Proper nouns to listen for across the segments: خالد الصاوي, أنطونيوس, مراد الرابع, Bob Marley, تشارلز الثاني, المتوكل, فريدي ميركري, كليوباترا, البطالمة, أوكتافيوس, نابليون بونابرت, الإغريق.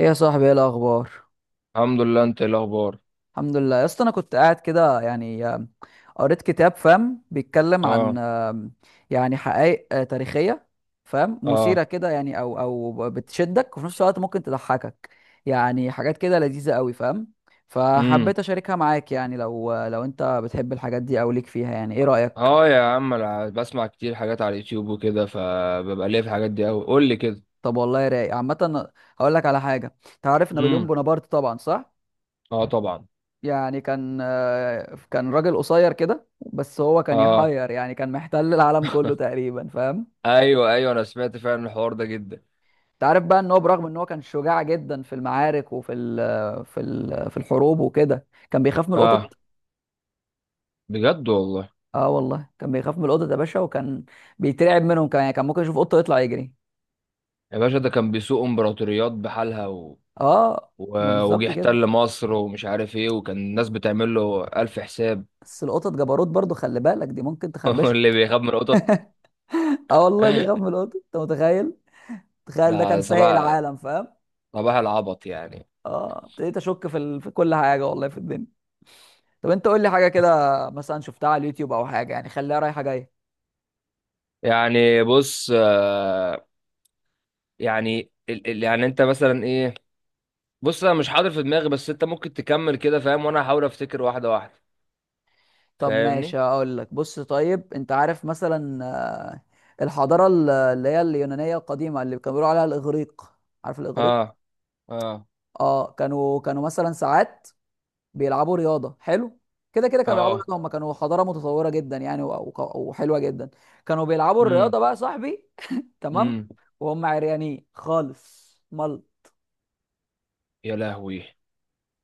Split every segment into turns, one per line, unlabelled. ايه يا صاحبي، ايه الاخبار؟
الحمد لله، انت ايه الاخبار؟
الحمد لله يا اسطى، انا كنت قاعد كده يعني قريت كتاب فاهم، بيتكلم
اه،
عن يعني حقائق تاريخيه، فاهم، مثيره
اه.
كده يعني او بتشدك، وفي نفس الوقت ممكن تضحكك، يعني حاجات كده لذيذه قوي فاهم.
امم.
فحبيت اشاركها معاك يعني، لو انت بتحب الحاجات دي او ليك فيها، يعني ايه رايك؟
اه، يا عم، انا بسمع كتير حاجات على اليوتيوب وكده، فببقى ليا في الحاجات دي قوي. قول لي كده.
طب والله رايق عامه، هقول لك على حاجه. تعرف نابليون
امم.
بونابرت طبعا، صح؟
اه، طبعا.
يعني كان كان راجل قصير كده، بس هو كان
اه.
يحير يعني، كان محتل العالم كله تقريبا فاهم.
ايوه، ايوه، انا سمعت فعلا الحوار ده جدا.
انت عارف بقى ان هو برغم ان هو كان شجاع جدا في المعارك، وفي ال في ال في الحروب وكده، كان بيخاف من
اه،
القطط.
بجد والله؟
اه والله كان بيخاف من القطط يا باشا، وكان بيترعب منهم، كان يعني ممكن يشوف قطه يطلع يجري.
يا باشا، ده كان بيسوق امبراطوريات بحالها، و...
اه، ما
و... وجه
بالظبط كده،
احتل مصر ومش عارف ايه، وكان الناس بتعمل له الف حساب.
بس القطط جبروت برضو، خلي بالك، دي ممكن تخربشها.
اللي بيخاف من القطط!
اه والله بيخاف من القطط، انت متخيل؟ تخيل ده كان
ده
سايق
صباح
العالم فاهم.
صباح العبط يعني.
اه ابتديت اشك في في كل حاجه والله في الدنيا. طب انت قول لي حاجه كده، مثلا شفتها على اليوتيوب او حاجه، يعني خليها رايحه جايه.
يعني بص، يعني يعني انت مثلا ايه؟ بص، انا مش حاضر في دماغي، بس انت ممكن تكمل كده فاهم، وانا هحاول افتكر واحده واحده.
طب
فاهمني.
ماشي اقول لك، بص طيب، انت عارف مثلا الحضاره اللي هي اليونانيه القديمه، اللي كانوا بيقولوا عليها الاغريق، عارف الاغريق؟
اه، اه،
اه، كانوا مثلا ساعات بيلعبوا رياضه، حلو. كده كده كانوا بيلعبوا
اه.
رياضه، هم كانوا حضاره متطوره جدا يعني وحلوه جدا. كانوا بيلعبوا
امم،
الرياضه بقى يا صاحبي، تمام.
امم.
وهم عريانين خالص ملط.
يا لهوي!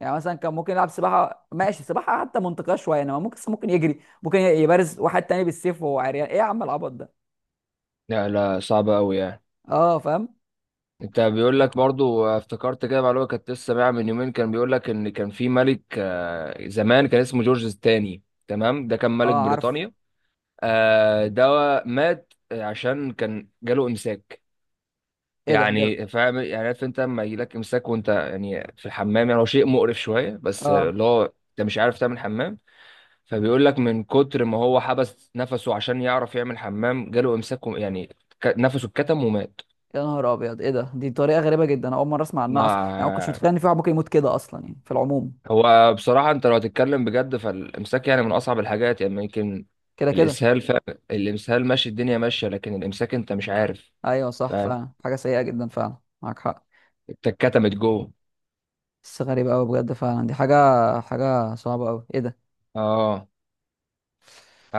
يعني مثلا كان ممكن يلعب سباحه، ماشي سباحه حتى منطقيه شويه، انما ممكن يجري، ممكن يبارز واحد تاني بالسيف وهو عريان، ايه يا عم العبط ده؟
لا، لا، صعبه قوي يعني.
اه فاهم.
انت بيقول لك برضو، افتكرت كده معلومه كنت لسه سامعها من يومين. كان بيقول لك ان كان في ملك، زمان، كان اسمه جورج الثاني. تمام، ده كان ملك
اه عارف،
بريطانيا. ده مات عشان كان جاله امساك.
ايه ده
يعني فاهم، يعني عارف انت لما يجيلك امساك، وانت يعني في الحمام، يعني هو شيء مقرف شويه، بس
اه.
اللي هو انت مش عارف تعمل حمام. فبيقول لك من كتر ما هو حبس نفسه عشان يعرف يعمل حمام جاله امساك، يعني نفسه اتكتم ومات.
يا نهار ابيض، ايه ده؟ دي طريقه غريبه جدا، أنا اول مره اسمع عنها اصلا، يعني ما كنتش
مع
متخيل ان في واحد ممكن يموت كده اصلا يعني في العموم.
هو بصراحه، انت لو هتتكلم بجد، فالامساك يعني من اصعب الحاجات، يعني يمكن
كده كده،
الاسهال ف... الامسهال ماشي، الدنيا ماشيه، لكن الامساك انت مش عارف.
ايوه صح
فاهم؟
فعلا، حاجه سيئه جدا فعلا، معاك حق.
انت اتكتمت جوه.
بس غريبه قوي بجد، فعلا دي حاجه، حاجه صعبه قوي، ايه ده.
اه،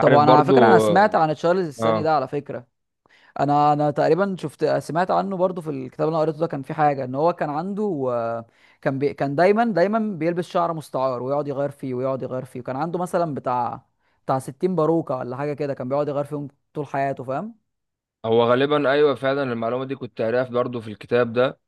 طب انا على فكره، انا
برضو.
سمعت عن تشارلز الثاني
اه،
ده على فكره. انا تقريبا سمعت عنه برضو في الكتاب اللي انا قريته ده، كان في حاجه ان هو كان عنده كان كان دايما دايما بيلبس شعر مستعار، ويقعد يغير فيه، ويقعد يغير فيه، وكان عنده مثلا بتاع 60 باروكه، ولا حاجه كده، كان بيقعد يغير فيهم طول حياته فاهم.
هو غالبا ايوه، فعلا المعلومه دي كنت قاريها برضه في الكتاب ده.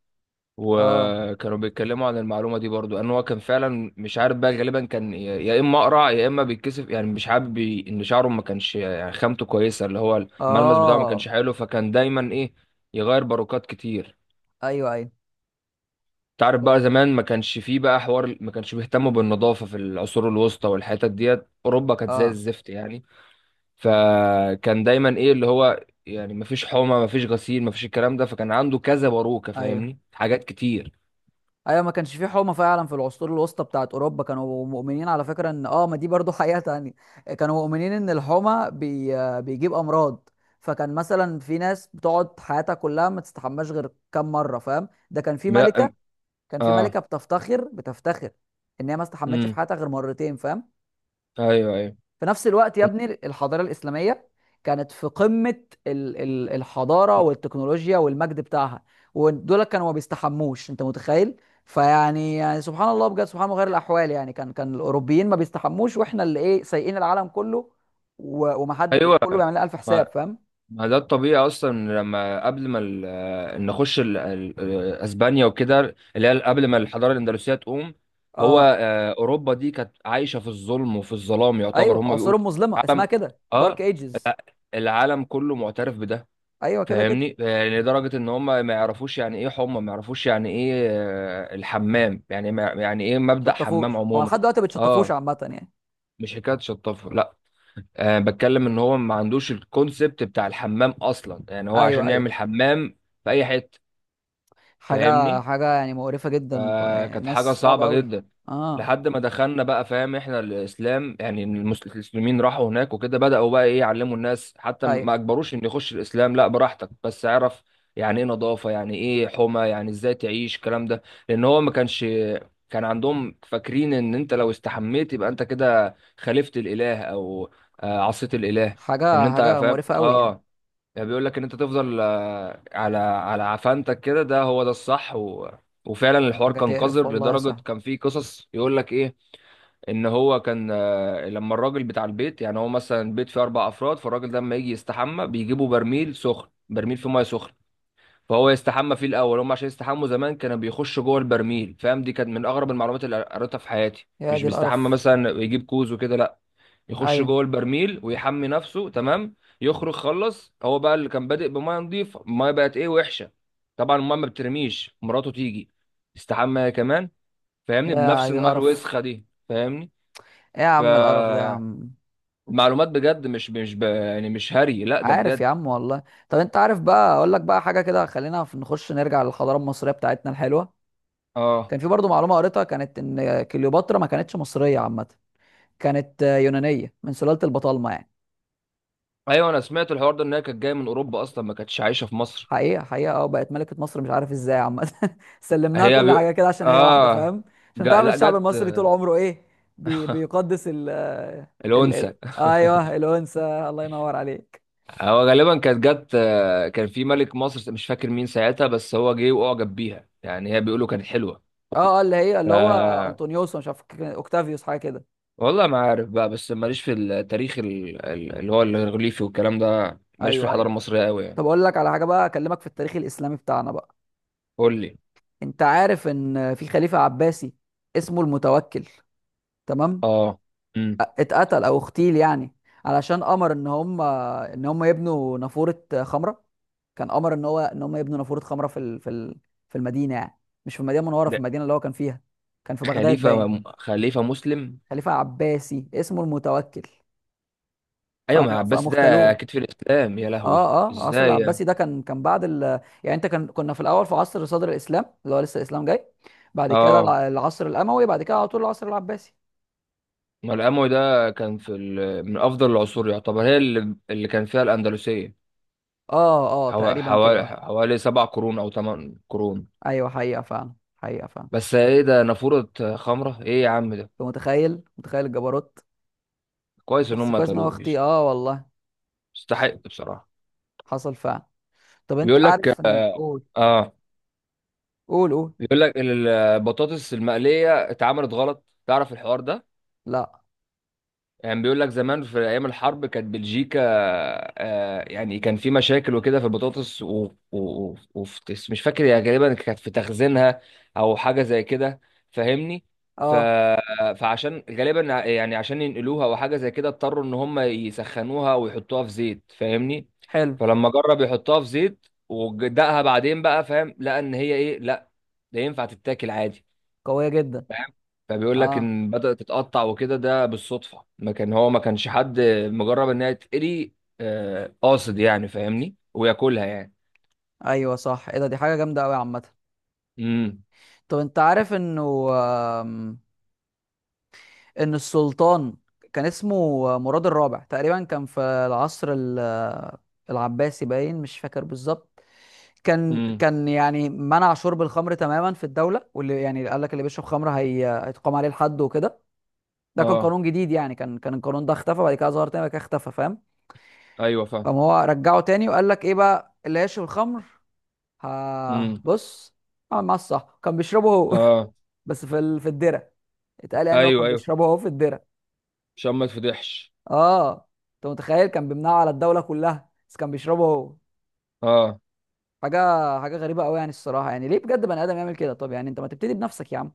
اه
وكانوا بيتكلموا عن المعلومه دي برضه، ان هو كان فعلا مش عارف، بقى غالبا كان يا اما اقرع يا اما بيتكسف، يعني مش حابب ان شعره ما كانش يعني خامته كويسه، اللي هو الملمس بتاعه ما
اه.
كانش حلو، فكان دايما ايه، يغير باروكات كتير.
ايوه ايوه
تعرف بقى، زمان ما كانش فيه بقى حوار، ما كانش بيهتموا بالنظافه في العصور الوسطى والحتت ديت، اوروبا كانت زي
اه.
الزفت يعني. فكان دايما ايه، اللي هو يعني مفيش حومه، مفيش غسيل، مفيش الكلام ده، فكان عنده كذا باروكه
ايوه
فاهمني، حاجات كتير.
ايوه. ما كانش في حومه فعلا في العصور الوسطى بتاعت اوروبا. كانوا مؤمنين على فكره ان اه ما دي برضو حقيقه تانية. كانوا مؤمنين ان الحومه بيجيب امراض. فكان مثلا في ناس بتقعد حياتها كلها ما تستحماش غير كام مره فاهم. ده كان في
ما.
ملكه، كان في
اه،
ملكه بتفتخر، بتفتخر ان هي ما استحمتش في
امم.
حياتها غير مرتين فاهم.
ايوه، ايوه،
في نفس الوقت يا ابني، الحضارة الإسلامية كانت في قمة الحضارة والتكنولوجيا والمجد بتاعها، ودول كانوا ما بيستحموش، انت متخيل؟ فيعني يعني سبحان الله بجد، سبحان الله غير الأحوال، يعني كان الأوروبيين ما بيستحموش، واحنا اللي ايه، سايقين العالم كله، ومحد،
ايوه.
وكله بيعمل لنا ألف حساب
ما
فاهم.
ما ده الطبيعي اصلا، لما قبل ما نخش اسبانيا وكده، اللي هي قبل ما الحضاره الاندلسيه تقوم. هو
اه
اوروبا دي كانت عايشه في الظلم وفي الظلام، يعتبر
ايوه،
هم بيقولوا.
عصور مظلمة اسمها
العالم
كده، دارك
اه،
ايجز.
الع- العالم كله معترف بده.
ايوه كده كده.
فاهمني، يعني لدرجه ان هم ما يعرفوش يعني ايه حمى، ما يعرفوش يعني ايه الحمام، يعني ما يعني ايه مبدأ حمام
شطفوش هو
عموما.
لحد دلوقتي، بتشطفوش
اه.
عامة يعني.
مش حكايه شطافه، لا. بتكلم ان هو ما عندوش الكونسبت بتاع الحمام اصلا، يعني هو
ايوه
عشان
ايوه،
يعمل حمام في اي حته.
حاجة
فاهمني.
حاجة يعني مقرفة جدا، يعني
فكانت حاجة
ناس صعبة
صعبة
أوي.
جدا
اه
لحد ما دخلنا بقى فاهم، احنا الاسلام يعني المسلمين راحوا هناك وكده، بدأوا بقى ايه، يعلموا الناس. حتى
أيوة.
ما اجبروش ان يخش الاسلام، لا براحتك، بس اعرف يعني ايه نظافة، يعني ايه حمى، يعني ازاي تعيش الكلام ده. لان هو ما كانش كان عندهم فاكرين، ان انت لو استحميت يبقى انت كده خالفت الاله، او عصيت الاله. ان
حاجة
انت
حاجة
فاهم؟
مقرفة أوي يعني.
اه. يعني بيقول لك ان انت تفضل على عفانتك كده، ده هو ده الصح. وفعلا الحوار
حاجة
كان قذر
تقرف والله يا
لدرجه
صاحبي.
كان في قصص يقول لك ايه، ان هو كان لما الراجل بتاع البيت، يعني هو مثلا بيت فيه 4 افراد، فالراجل ده لما يجي يستحمى بيجيبوا برميل سخن، برميل فيه ميه سخنه. فهو يستحمى فيه الاول. هم عشان يستحموا زمان كانوا بيخشوا جوه البرميل فاهم، دي كانت من اغرب المعلومات اللي قريتها في حياتي.
يا
مش
دي
بيستحمى
القرف.
مثلا يجيب كوز وكده، لا، يخش
أيوة.
جوه البرميل ويحمي نفسه، تمام. يخرج خلص، هو بقى اللي كان بادئ بميه نظيفه، الميه بقت ايه، وحشه. طبعا الميه ما بترميش، مراته تيجي تستحمى هي كمان، فاهمني؟
يا
بنفس
دي
الميه
القرف،
الوسخه دي، فاهمني؟
إيه يا عم القرف ده يا
فالمعلومات
عم.
بجد مش يعني مش هري، لا ده
عارف
بجد.
يا عم والله. طب أنت عارف بقى، أقول لك بقى حاجة كده، خلينا نخش نرجع للحضارة المصرية بتاعتنا الحلوة.
اه.
كان في برضو معلومة قريتها، كانت إن كليوباترا ما كانتش مصرية عامة، كانت يونانية من سلالة البطالمة يعني.
ايوه، انا سمعت الحوار ده، ان هي كانت جايه من اوروبا اصلا، ما كانتش عايشه في مصر.
حقيقة حقيقة اه، بقت ملكة مصر مش عارف ازاي عامة سلمناها
هي
كل حاجة
ب...
كده عشان هي واحدة
اه.
فاهم. عشان تعرف
لا،
الشعب
جت.
المصري طول عمره ايه، بيقدس ال ال
الانثى.
ال ايوه الأنثى. الله ينور عليك.
هو غالبا كانت جت، كان في ملك مصر مش فاكر مين ساعتها، بس هو جه واعجب بيها يعني، هي بيقولوا كانت حلوه.
اه اه، اللي هي
ف
اللي هو انطونيوس، مش عارف كان اوكتافيوس حاجة كده.
والله ما عارف بقى، بس ماليش في التاريخ اللي هو الريليفي والكلام ده، ماليش في
ايوه
الحضاره
ايوه.
المصريه قوي يعني.
طب اقول لك على حاجة بقى، اكلمك في التاريخ الإسلامي بتاعنا بقى.
قول لي.
انت عارف ان في خليفة عباسي اسمه المتوكل؟ تمام.
اه. امم.
اتقتل او اغتيل يعني، علشان امر ان هم يبنوا نافوره خمره. كان امر ان هو ان هم يبنوا نافوره خمره في في المدينه يعني، مش في المدينه المنوره، في
ده
المدينه اللي هو كان فيها. كان في بغداد باين.
خليفه مسلم.
خليفه عباسي اسمه المتوكل.
ايوه، ما عباس
فقاموا
ده
اغتالوه.
اكيد في الاسلام، يا لهوي،
اه اه، عصر
ازاي يعني؟
العباسي ده كان بعد يعني انت كان كنا في الاول في عصر صدر الاسلام اللي هو لسه الاسلام جاي. بعد كده
اه.
العصر الاموي، بعد كده على طول العصر العباسي.
ما الاموي ده كان في من افضل العصور يعتبر، هي اللي كان فيها الاندلسيه.
اه اه، تقريبا كده اه.
حوالي 7 قرون او 8 قرون.
ايوه حقيقه فعلا، حقيقه فعلا.
بس ايه ده؟ نافورة خمرة؟ ايه يا عم ده!
انت متخيل متخيل الجبروت.
كويس ان
بس
هم
كويس ان هو
قتلوه
اختي،
بيس-
اه والله،
يستحق بصراحة.
حصل فعلا. طب
بيقول
انت
لك.
عارف ان، قول
اه.
قول قول.
بيقول لك البطاطس المقلية اتعملت غلط، تعرف الحوار ده؟
لا.
يعني بيقول لك زمان في ايام الحرب كانت بلجيكا، يعني كان في مشاكل وكده في البطاطس، و... و... وفي مش فاكر يعني، غالبا كانت في تخزينها او حاجه زي كده. فاهمني. ف...
اه
فعشان غالبا يعني عشان ينقلوها او حاجه زي كده، اضطروا ان هم يسخنوها ويحطوها في زيت، فاهمني؟
حلو.
فلما جرب يحطها في زيت ودقها بعدين بقى فاهم، لقى ان هي ايه، لا، ده ينفع تتاكل عادي.
قوية جدا.
فاهم. فبيقول لك
اه
ان بدأت تتقطع وكده ده بالصدفة، ما كان هو ما كانش حد مجرب انها تتقري، قاصد يعني فاهمني، وياكلها يعني.
ايوه صح، ايه ده، دي حاجة جامدة قوي عامة.
امم،
طب انت عارف انه آم، ان السلطان كان اسمه مراد الرابع تقريبا، كان في العصر العباسي باين، مش فاكر بالظبط. كان
امم.
كان يعني منع شرب الخمر تماما في الدولة، واللي يعني قال لك اللي بيشرب خمر هي هيتقام عليه الحد وكده. ده كان
اه.
قانون جديد يعني، كان القانون ده اختفى بعد كده، ظهر تاني بعد كده اختفى فاهم.
ايوه فاهم.
قام هو رجعه تاني، وقال لك ايه بقى اللي يشرب الخمر. ها،
امم.
بص، اعمل معاه الصح، كان بيشربه هو.
اه.
بس في في الدرة، اتقال يعني ان هو
ايوه،
كان
ايوه،
بيشربه هو في الدرة.
عشان ما تفضحش.
اه. انت متخيل، كان بيمنعه على الدولة كلها بس كان بيشربه هو.
اه
حاجة حاجة غريبة قوي يعني الصراحة، يعني ليه بجد بني آدم يعمل كده؟ طب يعني انت ما تبتدي بنفسك يا عم.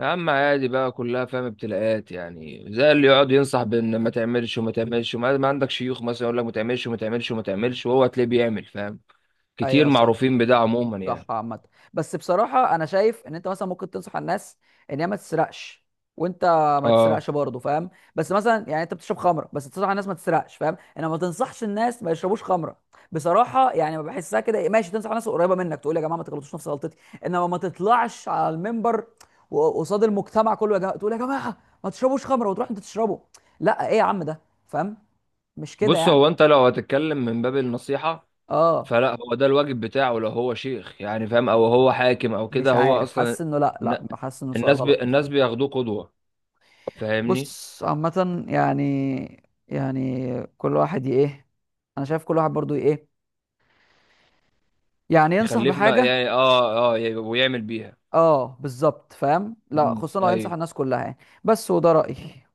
يا عم، عادي بقى كلها فاهم، ابتلاءات يعني. زي اللي يقعد ينصح بان ما تعملش وما تعملش، وما ما عندك شيوخ مثلا يقول لك ما تعملش وما تعملش وما تعملش، وهو تلاقيه بيعمل فاهم. كتير
ايوه صح،
معروفين بده عموما
صح
يعني.
عامة. بس بصراحة، أنا شايف إن أنت مثلا ممكن تنصح الناس إن هي ما تسرقش، وأنت ما
اه.
تسرقش برضه فاهم. بس مثلا يعني أنت بتشرب خمرة بس تنصح الناس ما تسرقش فاهم، إنما ما تنصحش الناس ما يشربوش خمرة. بصراحة يعني ما بحسها كده، إيه، ماشي تنصح الناس قريبة منك، تقول يا جماعة ما تغلطوش نفس غلطتي، إنما ما تطلعش على المنبر قصاد المجتمع كله يا جماعة، تقول يا جماعة ما تشربوش خمرة وتروح أنت تشربه. لا، إيه يا عم ده، فاهم، مش كده
بص،
يعني.
هو انت لو هتتكلم من باب النصيحة،
آه
فلا، هو ده الواجب بتاعه، لو هو شيخ يعني فاهم، او هو حاكم او كده
مش
هو
عارف،
اصلا.
حاسس إنه لا
الن-
لا، حاسس إنه غلط.
الناس بياخدوه قدوة فاهمني.
بص عامة يعني، يعني كل واحد ايه، انا شايف كل واحد برضو ايه، يعني ينصح
يخلفنا
بحاجة.
يعني. اه، اه، ويعمل بيها.
اه بالظبط فاهم، لا
مم.
خصوصا لو ينصح
ايوه.
الناس كلها يعني. بس، وده رأيي.